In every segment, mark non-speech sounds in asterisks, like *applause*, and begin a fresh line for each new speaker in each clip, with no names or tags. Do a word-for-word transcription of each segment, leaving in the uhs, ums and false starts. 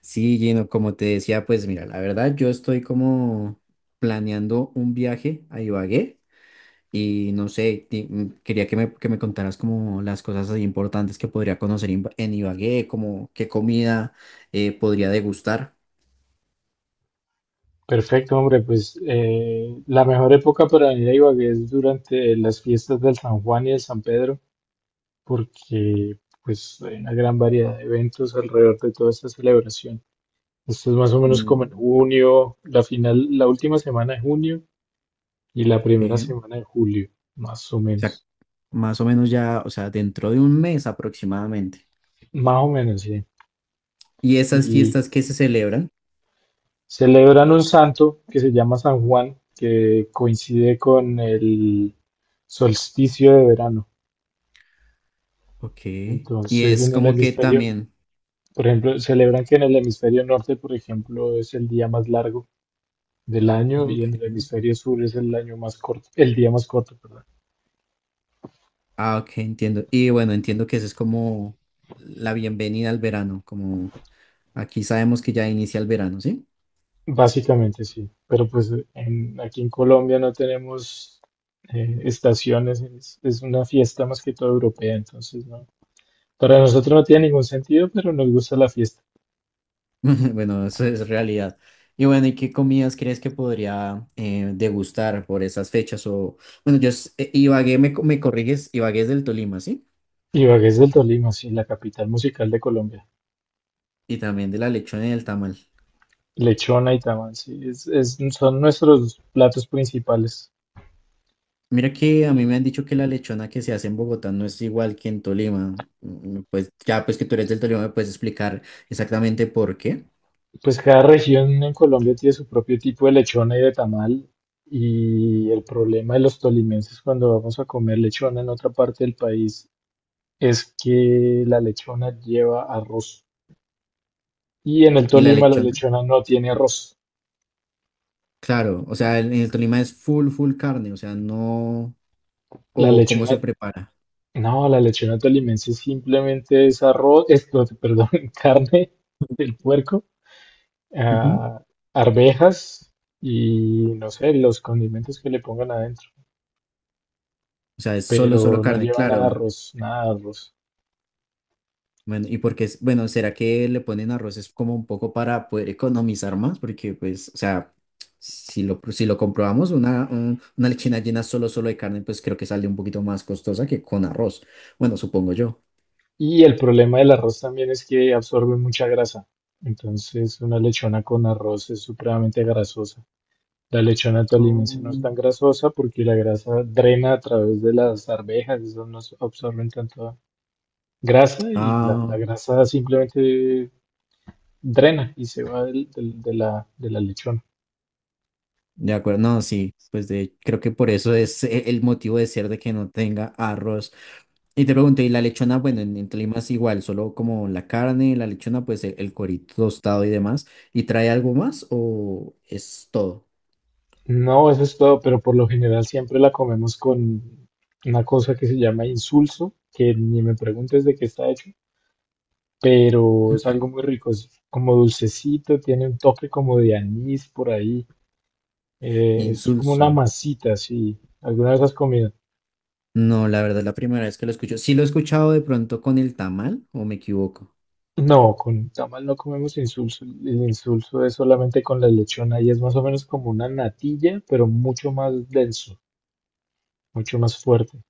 Sí, Gino, como te decía, pues mira, la verdad yo estoy como planeando un viaje a Ibagué y no sé, ti- mm, quería que me, que me contaras como las cosas así importantes que podría conocer en Ba- en Ibagué, como qué comida eh, podría degustar.
Perfecto, hombre, pues eh, la mejor época para venir a Ibagué es durante las fiestas del San Juan y del San Pedro, porque pues hay una gran variedad de eventos alrededor de toda esta celebración. Esto es más o menos como en
Mm.
junio, la final, la última semana de junio y la primera
eh, o
semana de julio, más o
sea,
menos.
más o menos ya, o sea, dentro de un mes aproximadamente.
Más o menos, sí.
Y esas
Y
fiestas que se celebran.
celebran un santo que se llama San Juan, que coincide con el solsticio de verano.
Ok. Y
Entonces,
es
en el
como que
hemisferio,
también.
por ejemplo, celebran que en el hemisferio norte, por ejemplo, es el día más largo del año y en el
Ok.
hemisferio sur es el año más corto, el día más corto, perdón.
Ah, ok, entiendo. Y bueno, entiendo que eso es como la bienvenida al verano, como aquí sabemos que ya inicia el verano, ¿sí?
Básicamente sí, pero pues en- aquí en Colombia no tenemos eh, estaciones, es, es una fiesta más que todo europea, entonces no. Para nosotros no tiene ningún sentido, pero nos gusta la fiesta.
*laughs* Bueno, eso es realidad. Y bueno, ¿y qué comidas crees que podría eh, degustar por esas fechas? O, bueno, yo, s- eh, Ibagué, me, co- me corriges, Ibagué es del Tolima, ¿sí?
Ibagué es del Tolima, sí, la capital musical de Colombia.
Y también de la lechona y del tamal.
Lechona y tamal, sí, es, es- son nuestros platos principales.
Mira que a mí me han dicho que la lechona que se hace en Bogotá no es igual que en Tolima. Mm. Pues ya, pues que tú eres del Tolima, ¿me puedes explicar exactamente por qué?
Pues cada región en Colombia tiene su propio tipo de lechona y de tamal. Y el problema de los tolimenses cuando vamos a comer lechona en otra parte del país es que la lechona lleva arroz. Y en el
¿Y la
Tolima la
lechona?
lechona no tiene arroz.
Claro, o sea, en el Tolima es full, full carne, o sea, no,
La
o cómo
lechona,
se prepara.
no, la lechona tolimense simplemente es arroz, es, no, perdón, *laughs* carne del puerco,
Ujú.
ah, arvejas y no sé, los condimentos que le pongan adentro.
O sea, es solo, solo
Pero no
carne,
lleva nada de
claro.
arroz, nada de arroz.
Bueno, y porque es, bueno, ¿será que le ponen arroz es como un poco para poder economizar más? Porque, pues, o sea, si lo, si lo comprobamos, una, un- una lechina llena solo, solo de carne, pues creo que sale un poquito más costosa que con arroz. Bueno, supongo yo.
Y el problema del arroz también es que absorbe mucha grasa. Entonces, una lechona con arroz es supremamente grasosa. La lechona tolimense no es
Oh,
tan grasosa porque la grasa drena a través de las arvejas, esas no absorben tanta grasa y la, la
ah,
grasa simplemente drena y se va del- del- de la, de la lechona.
de acuerdo, no, sí, pues de, creo que por eso es e- el motivo de ser de que no tenga arroz. Y te pregunto, ¿y la lechona? Bueno, en, en Tolima es igual, solo como la carne, la lechona, pues el, el cuerito tostado y demás. ¿Y trae algo más o es todo?
No, eso es todo, pero por lo general siempre la comemos con una cosa que se llama insulso, que ni me preguntes de qué está hecho, pero es algo
Ok.
muy rico, es como dulcecito, tiene un toque como de anís por ahí, eh, es como una
Insulso.
masita, así. ¿Alguna vez has comido?
No, la verdad, la primera vez que lo escucho. Sí lo he escuchado de pronto con el tamal, ¿o me equivoco?
No, con tamal no comemos insulso, el insulso es solamente con la lechona y es más o menos como una natilla, pero mucho más denso, mucho más fuerte.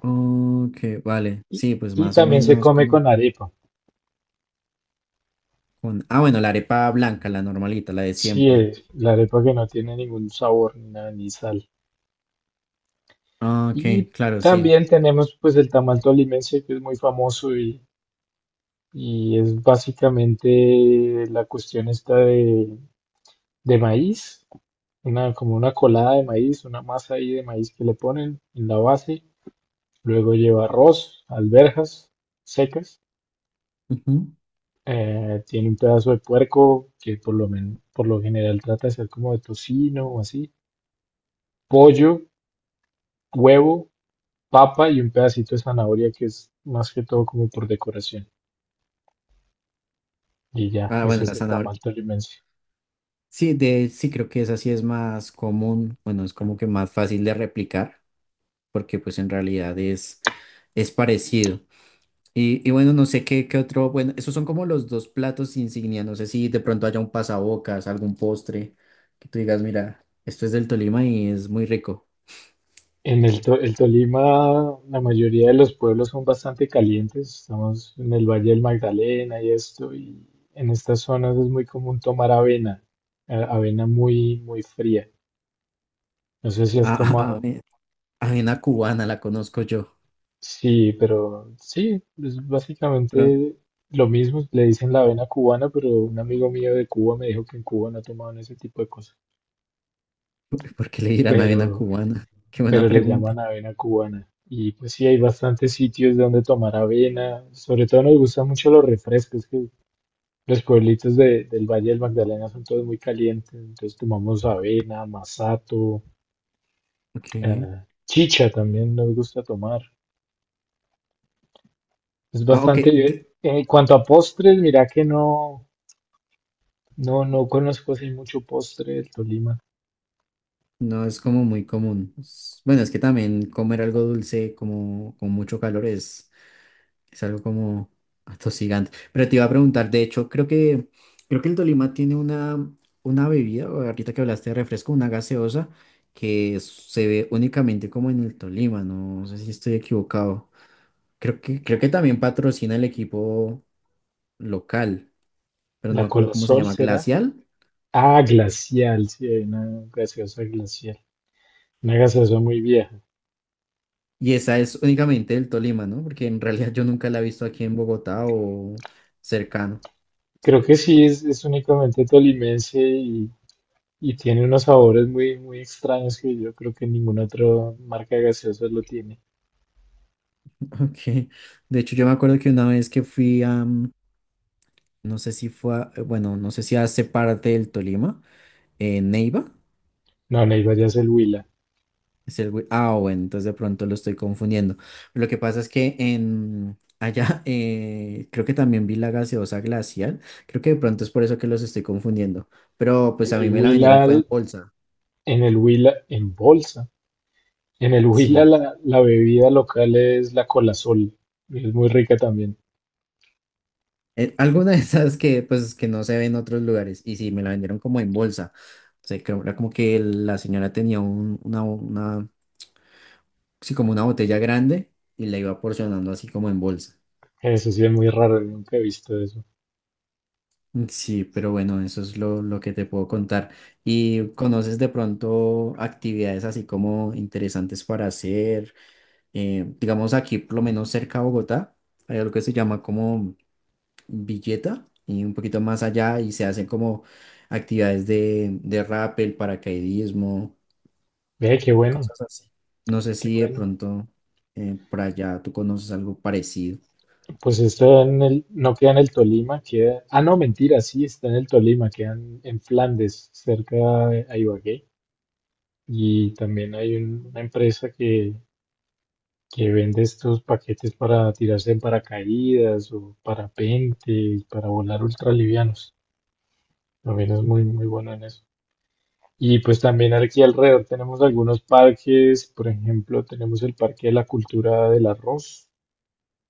Ok, vale.
Y,
Sí, pues
y
más o
también se
menos
come
como
con arepa,
con. Ah, bueno, la arepa blanca, la normalita, la de
sí,
siempre.
eh, la arepa que no tiene ningún sabor ni nada, ni sal.
Ah,
Y
ok, claro, sí.
también tenemos pues el tamal tolimense que es muy famoso y y es básicamente la cuestión esta de, de maíz, una, como una colada de maíz, una masa ahí de maíz que le ponen en la base, luego lleva arroz, alberjas secas,
Ujú.
eh, tiene un pedazo de puerco que por lo, men- por lo general trata de ser como de tocino o así, pollo, huevo, papa y un pedacito de zanahoria que es más que todo como por decoración. Y ya,
Ah,
ese
bueno,
es
la
el
zanahoria.
tamal tolimense.
Sí, de, sí, creo que esa sí es más común. Bueno, es como que más fácil de replicar, porque pues en realidad es, es parecido. Y, y bueno, no sé qué, qué otro, bueno, esos son como los dos platos insignia, no sé si de pronto haya un pasabocas, algún postre, que tú digas, mira, esto es del Tolima y es muy rico.
En el, To- el Tolima, la mayoría de los pueblos son bastante calientes. Estamos en el Valle del Magdalena y esto, y en estas zonas es muy común tomar avena, a- avena muy, muy fría. No sé si
Ah,
has
*laughs* ah,
tomado.
ave- avena cubana la conozco yo,
Sí, pero sí, es
pero
básicamente lo mismo. Le dicen la avena cubana, pero un amigo mío de Cuba me dijo que en Cuba no tomaban ese tipo de cosas.
*laughs* ¿por qué le dirán avena
Pero
cubana? *laughs* Qué buena
pero les
pregunta.
llaman avena cubana. Y pues sí, hay bastantes sitios donde tomar avena. Sobre todo nos gustan mucho los refrescos, que los pueblitos de- del Valle del Magdalena son todos muy calientes. Entonces tomamos avena, masato,
Ok.
eh, chicha también nos gusta tomar. Es
Ah, ok, de-
bastante... En cuanto a postres, mira que no, no, no conozco así mucho postre del Tolima.
no es como muy común. Es- Bueno, es que también comer algo dulce como con mucho calor es Es algo como atosigante. Pero te iba a preguntar, de hecho, creo que, creo que, el Tolima tiene una, una bebida, o ahorita que hablaste de refresco, una gaseosa, que se ve únicamente como en el Tolima, no. No sé si estoy equivocado. Creo que, creo que también patrocina el equipo local, pero no
La
me acuerdo cómo se
Colasol
llama,
será.
Glacial.
Ah, glacial, sí, hay una gaseosa glacial. Una gaseosa muy vieja.
Y esa es únicamente del Tolima, ¿no? Porque en realidad yo nunca la he visto aquí en Bogotá o cercano.
Creo que sí, es, es únicamente tolimense y, y tiene unos sabores muy, muy extraños que yo creo que ninguna otra marca de gaseosas lo tiene.
*laughs* Ok. De hecho, yo me acuerdo que una vez que fui a, no sé si fue, a- eh, bueno, no sé si hace parte del Tolima, eh, Neiva.
No, Neiva ya es el Huila.
Es el, Wi- ah, bueno, entonces de pronto lo estoy confundiendo. Lo que pasa es que en, allá *laughs* eh, creo que también vi la gaseosa glacial. Creo que de pronto es por eso que los estoy confundiendo. Pero pues
En
a
el
mí me la vendieron
Huila,
fue en bolsa.
en el Huila, en bolsa. En el Huila
Sí.
la, la bebida local es la Colasol. Y es muy rica también.
Eh, *laughs* alguna de esas que pues que no se ve en otros lugares. Y sí, me la vendieron como en bolsa. O sea, creo- era como que la señora tenía un- una, una, sí, como una botella grande y la iba porcionando así como en bolsa.
Eso sí es muy raro, nunca he visto eso.
Sí, pero bueno, eso es lo, lo que te puedo contar. ¿Y conoces de pronto actividades así como interesantes para hacer? Eh, digamos aquí, por lo menos cerca a Bogotá, hay algo que se llama como Villeta y un poquito más allá y se hacen como actividades de, de rappel, paracaidismo,
Ve, qué bueno,
cosas así. No sé
qué
si de
bueno.
pronto eh, por allá tú conoces algo parecido.
Pues esto en el, no queda en el Tolima, queda... Ah, no, mentira, sí, está en el Tolima, queda en, en Flandes, cerca de a Ibagué. Y también hay un- una empresa que, que vende estos paquetes para tirarse en paracaídas o parapente y para volar ultralivianos. También es muy, muy bueno en eso. Y pues también aquí alrededor tenemos algunos parques, por ejemplo, tenemos el Parque de la Cultura del Arroz,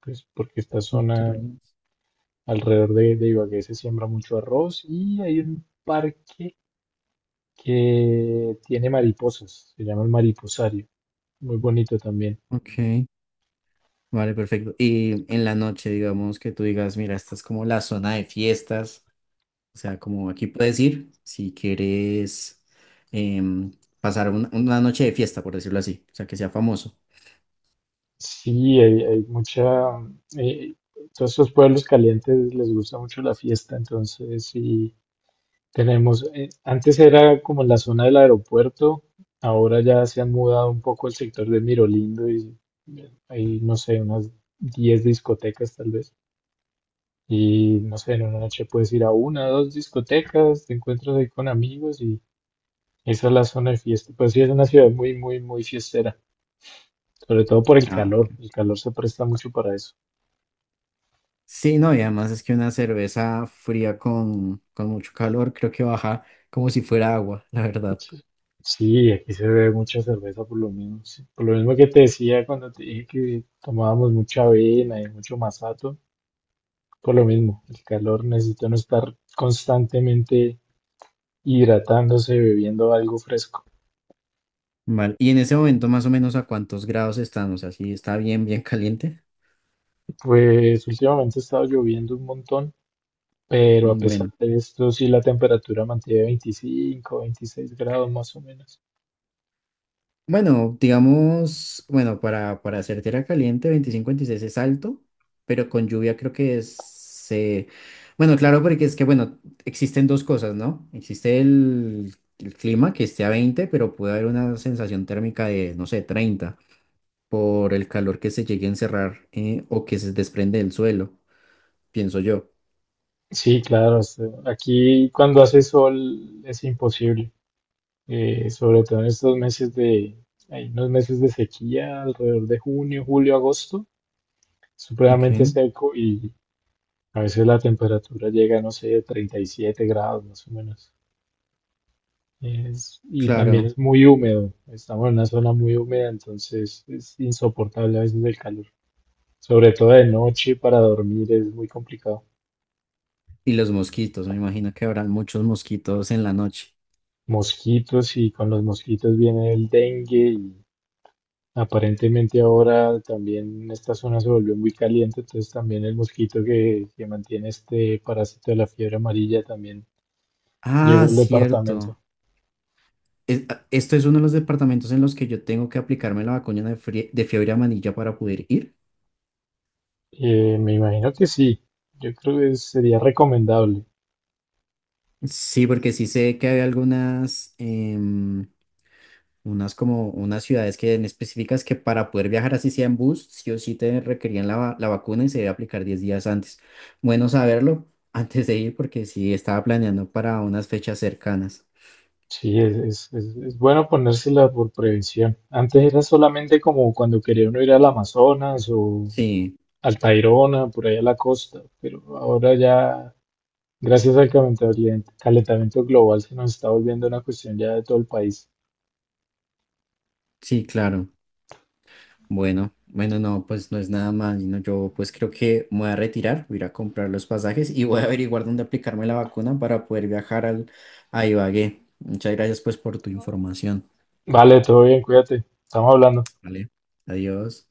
pues porque esta zona
Cultural.
alrededor de, de Ibagué se siembra mucho arroz y hay un parque que tiene mariposas, se llama el Mariposario, muy bonito también.
Ok. Vale, perfecto. Y en la noche, digamos que tú digas, mira, esta es como la zona de fiestas, o sea, como aquí puedes ir si quieres em, pasar un- una noche de fiesta, por decirlo así, o sea, que sea famoso.
Sí, hay, hay mucha... eh, todos estos pueblos calientes les gusta mucho la fiesta, entonces sí tenemos... eh, antes era como la zona del aeropuerto, ahora ya se han mudado un poco el sector de Mirolindo y eh, hay, no sé, unas diez discotecas tal vez. Y no sé, en una noche puedes ir a una, dos discotecas, te encuentras ahí con amigos y esa es la zona de fiesta. Pues sí, es una ciudad muy, muy, muy fiestera, sobre todo por el
Ah,
calor.
ok.
El calor se presta mucho para eso.
Sí, no, y además es que una cerveza fría con, con mucho calor creo que baja como si fuera agua, la verdad.
Sí, sí, aquí se bebe mucha cerveza por lo mismo. Sí. Por lo mismo que te decía cuando te dije que tomábamos mucha avena y mucho masato, por lo mismo, el calor necesita no estar constantemente hidratándose, bebiendo algo fresco.
Vale, y en ese momento más o menos a cuántos grados están, o sea, si está bien, bien caliente.
Pues últimamente ha estado lloviendo un montón, pero a
Mm.
pesar
Bueno.
de esto, sí la temperatura mantiene veinticinco, veintiséis grados más o menos.
Bueno, digamos, bueno, para, para hacer tierra caliente, veinticinco, veintiséis es alto, pero con lluvia creo que es, se. Bueno, claro, porque es que, bueno, existen dos cosas, ¿no? Existe el, el clima que esté a veinte, pero puede haber una sensación térmica de, no sé, treinta por el calor que se llegue a encerrar eh, o que se desprende del suelo, pienso yo.
Sí, claro, o sea, aquí cuando hace sol es imposible. eh, sobre todo en estos meses de, hay unos meses de sequía, alrededor de junio, julio, agosto,
Ok,
supremamente seco y a veces la temperatura llega, no sé, treinta y siete grados más o menos. Es- y también
claro.
es muy húmedo, estamos en una zona muy húmeda, entonces es insoportable a veces el calor. Sobre todo de noche para dormir es muy complicado.
Y los mosquitos, me imagino que habrán muchos mosquitos en la noche.
Mosquitos y con los mosquitos viene el dengue. Aparentemente ahora también esta zona se volvió muy caliente, entonces también el mosquito que, que mantiene este parásito de la fiebre amarilla también
Ah,
llegó al departamento.
cierto. Es- a- esto es uno de los departamentos en los que yo tengo que aplicarme la vacuna de, frie- de fiebre amarilla para poder ir.
Eh, me imagino que sí, yo creo que sería recomendable.
Sí, porque sí sé que hay algunas, em, unas como unas ciudades que en específicas que para poder viajar así sea en bus, sí o sí te requerían la, va- la vacuna y se debe aplicar diez días antes. Bueno saberlo *laughs* antes de ir porque sí estaba planeando para unas fechas cercanas.
Sí, es, es, es- es bueno ponérsela por prevención. Antes era solamente como cuando quería uno ir al Amazonas o
Sí,
al Tayrona, por ahí a la costa, pero ahora ya, gracias al calentamiento calentamiento global, se nos está volviendo una cuestión ya de todo el país.
sí, claro. Bueno, bueno, no, pues no es nada mal, no, yo pues creo que me voy a retirar, voy a ir a comprar los pasajes y voy a averiguar dónde aplicarme la vacuna para poder viajar al, a Ibagué. Muchas gracias pues por tu información,
Vale, todo bien, cuídate. Estamos hablando.
¿vale? Adiós.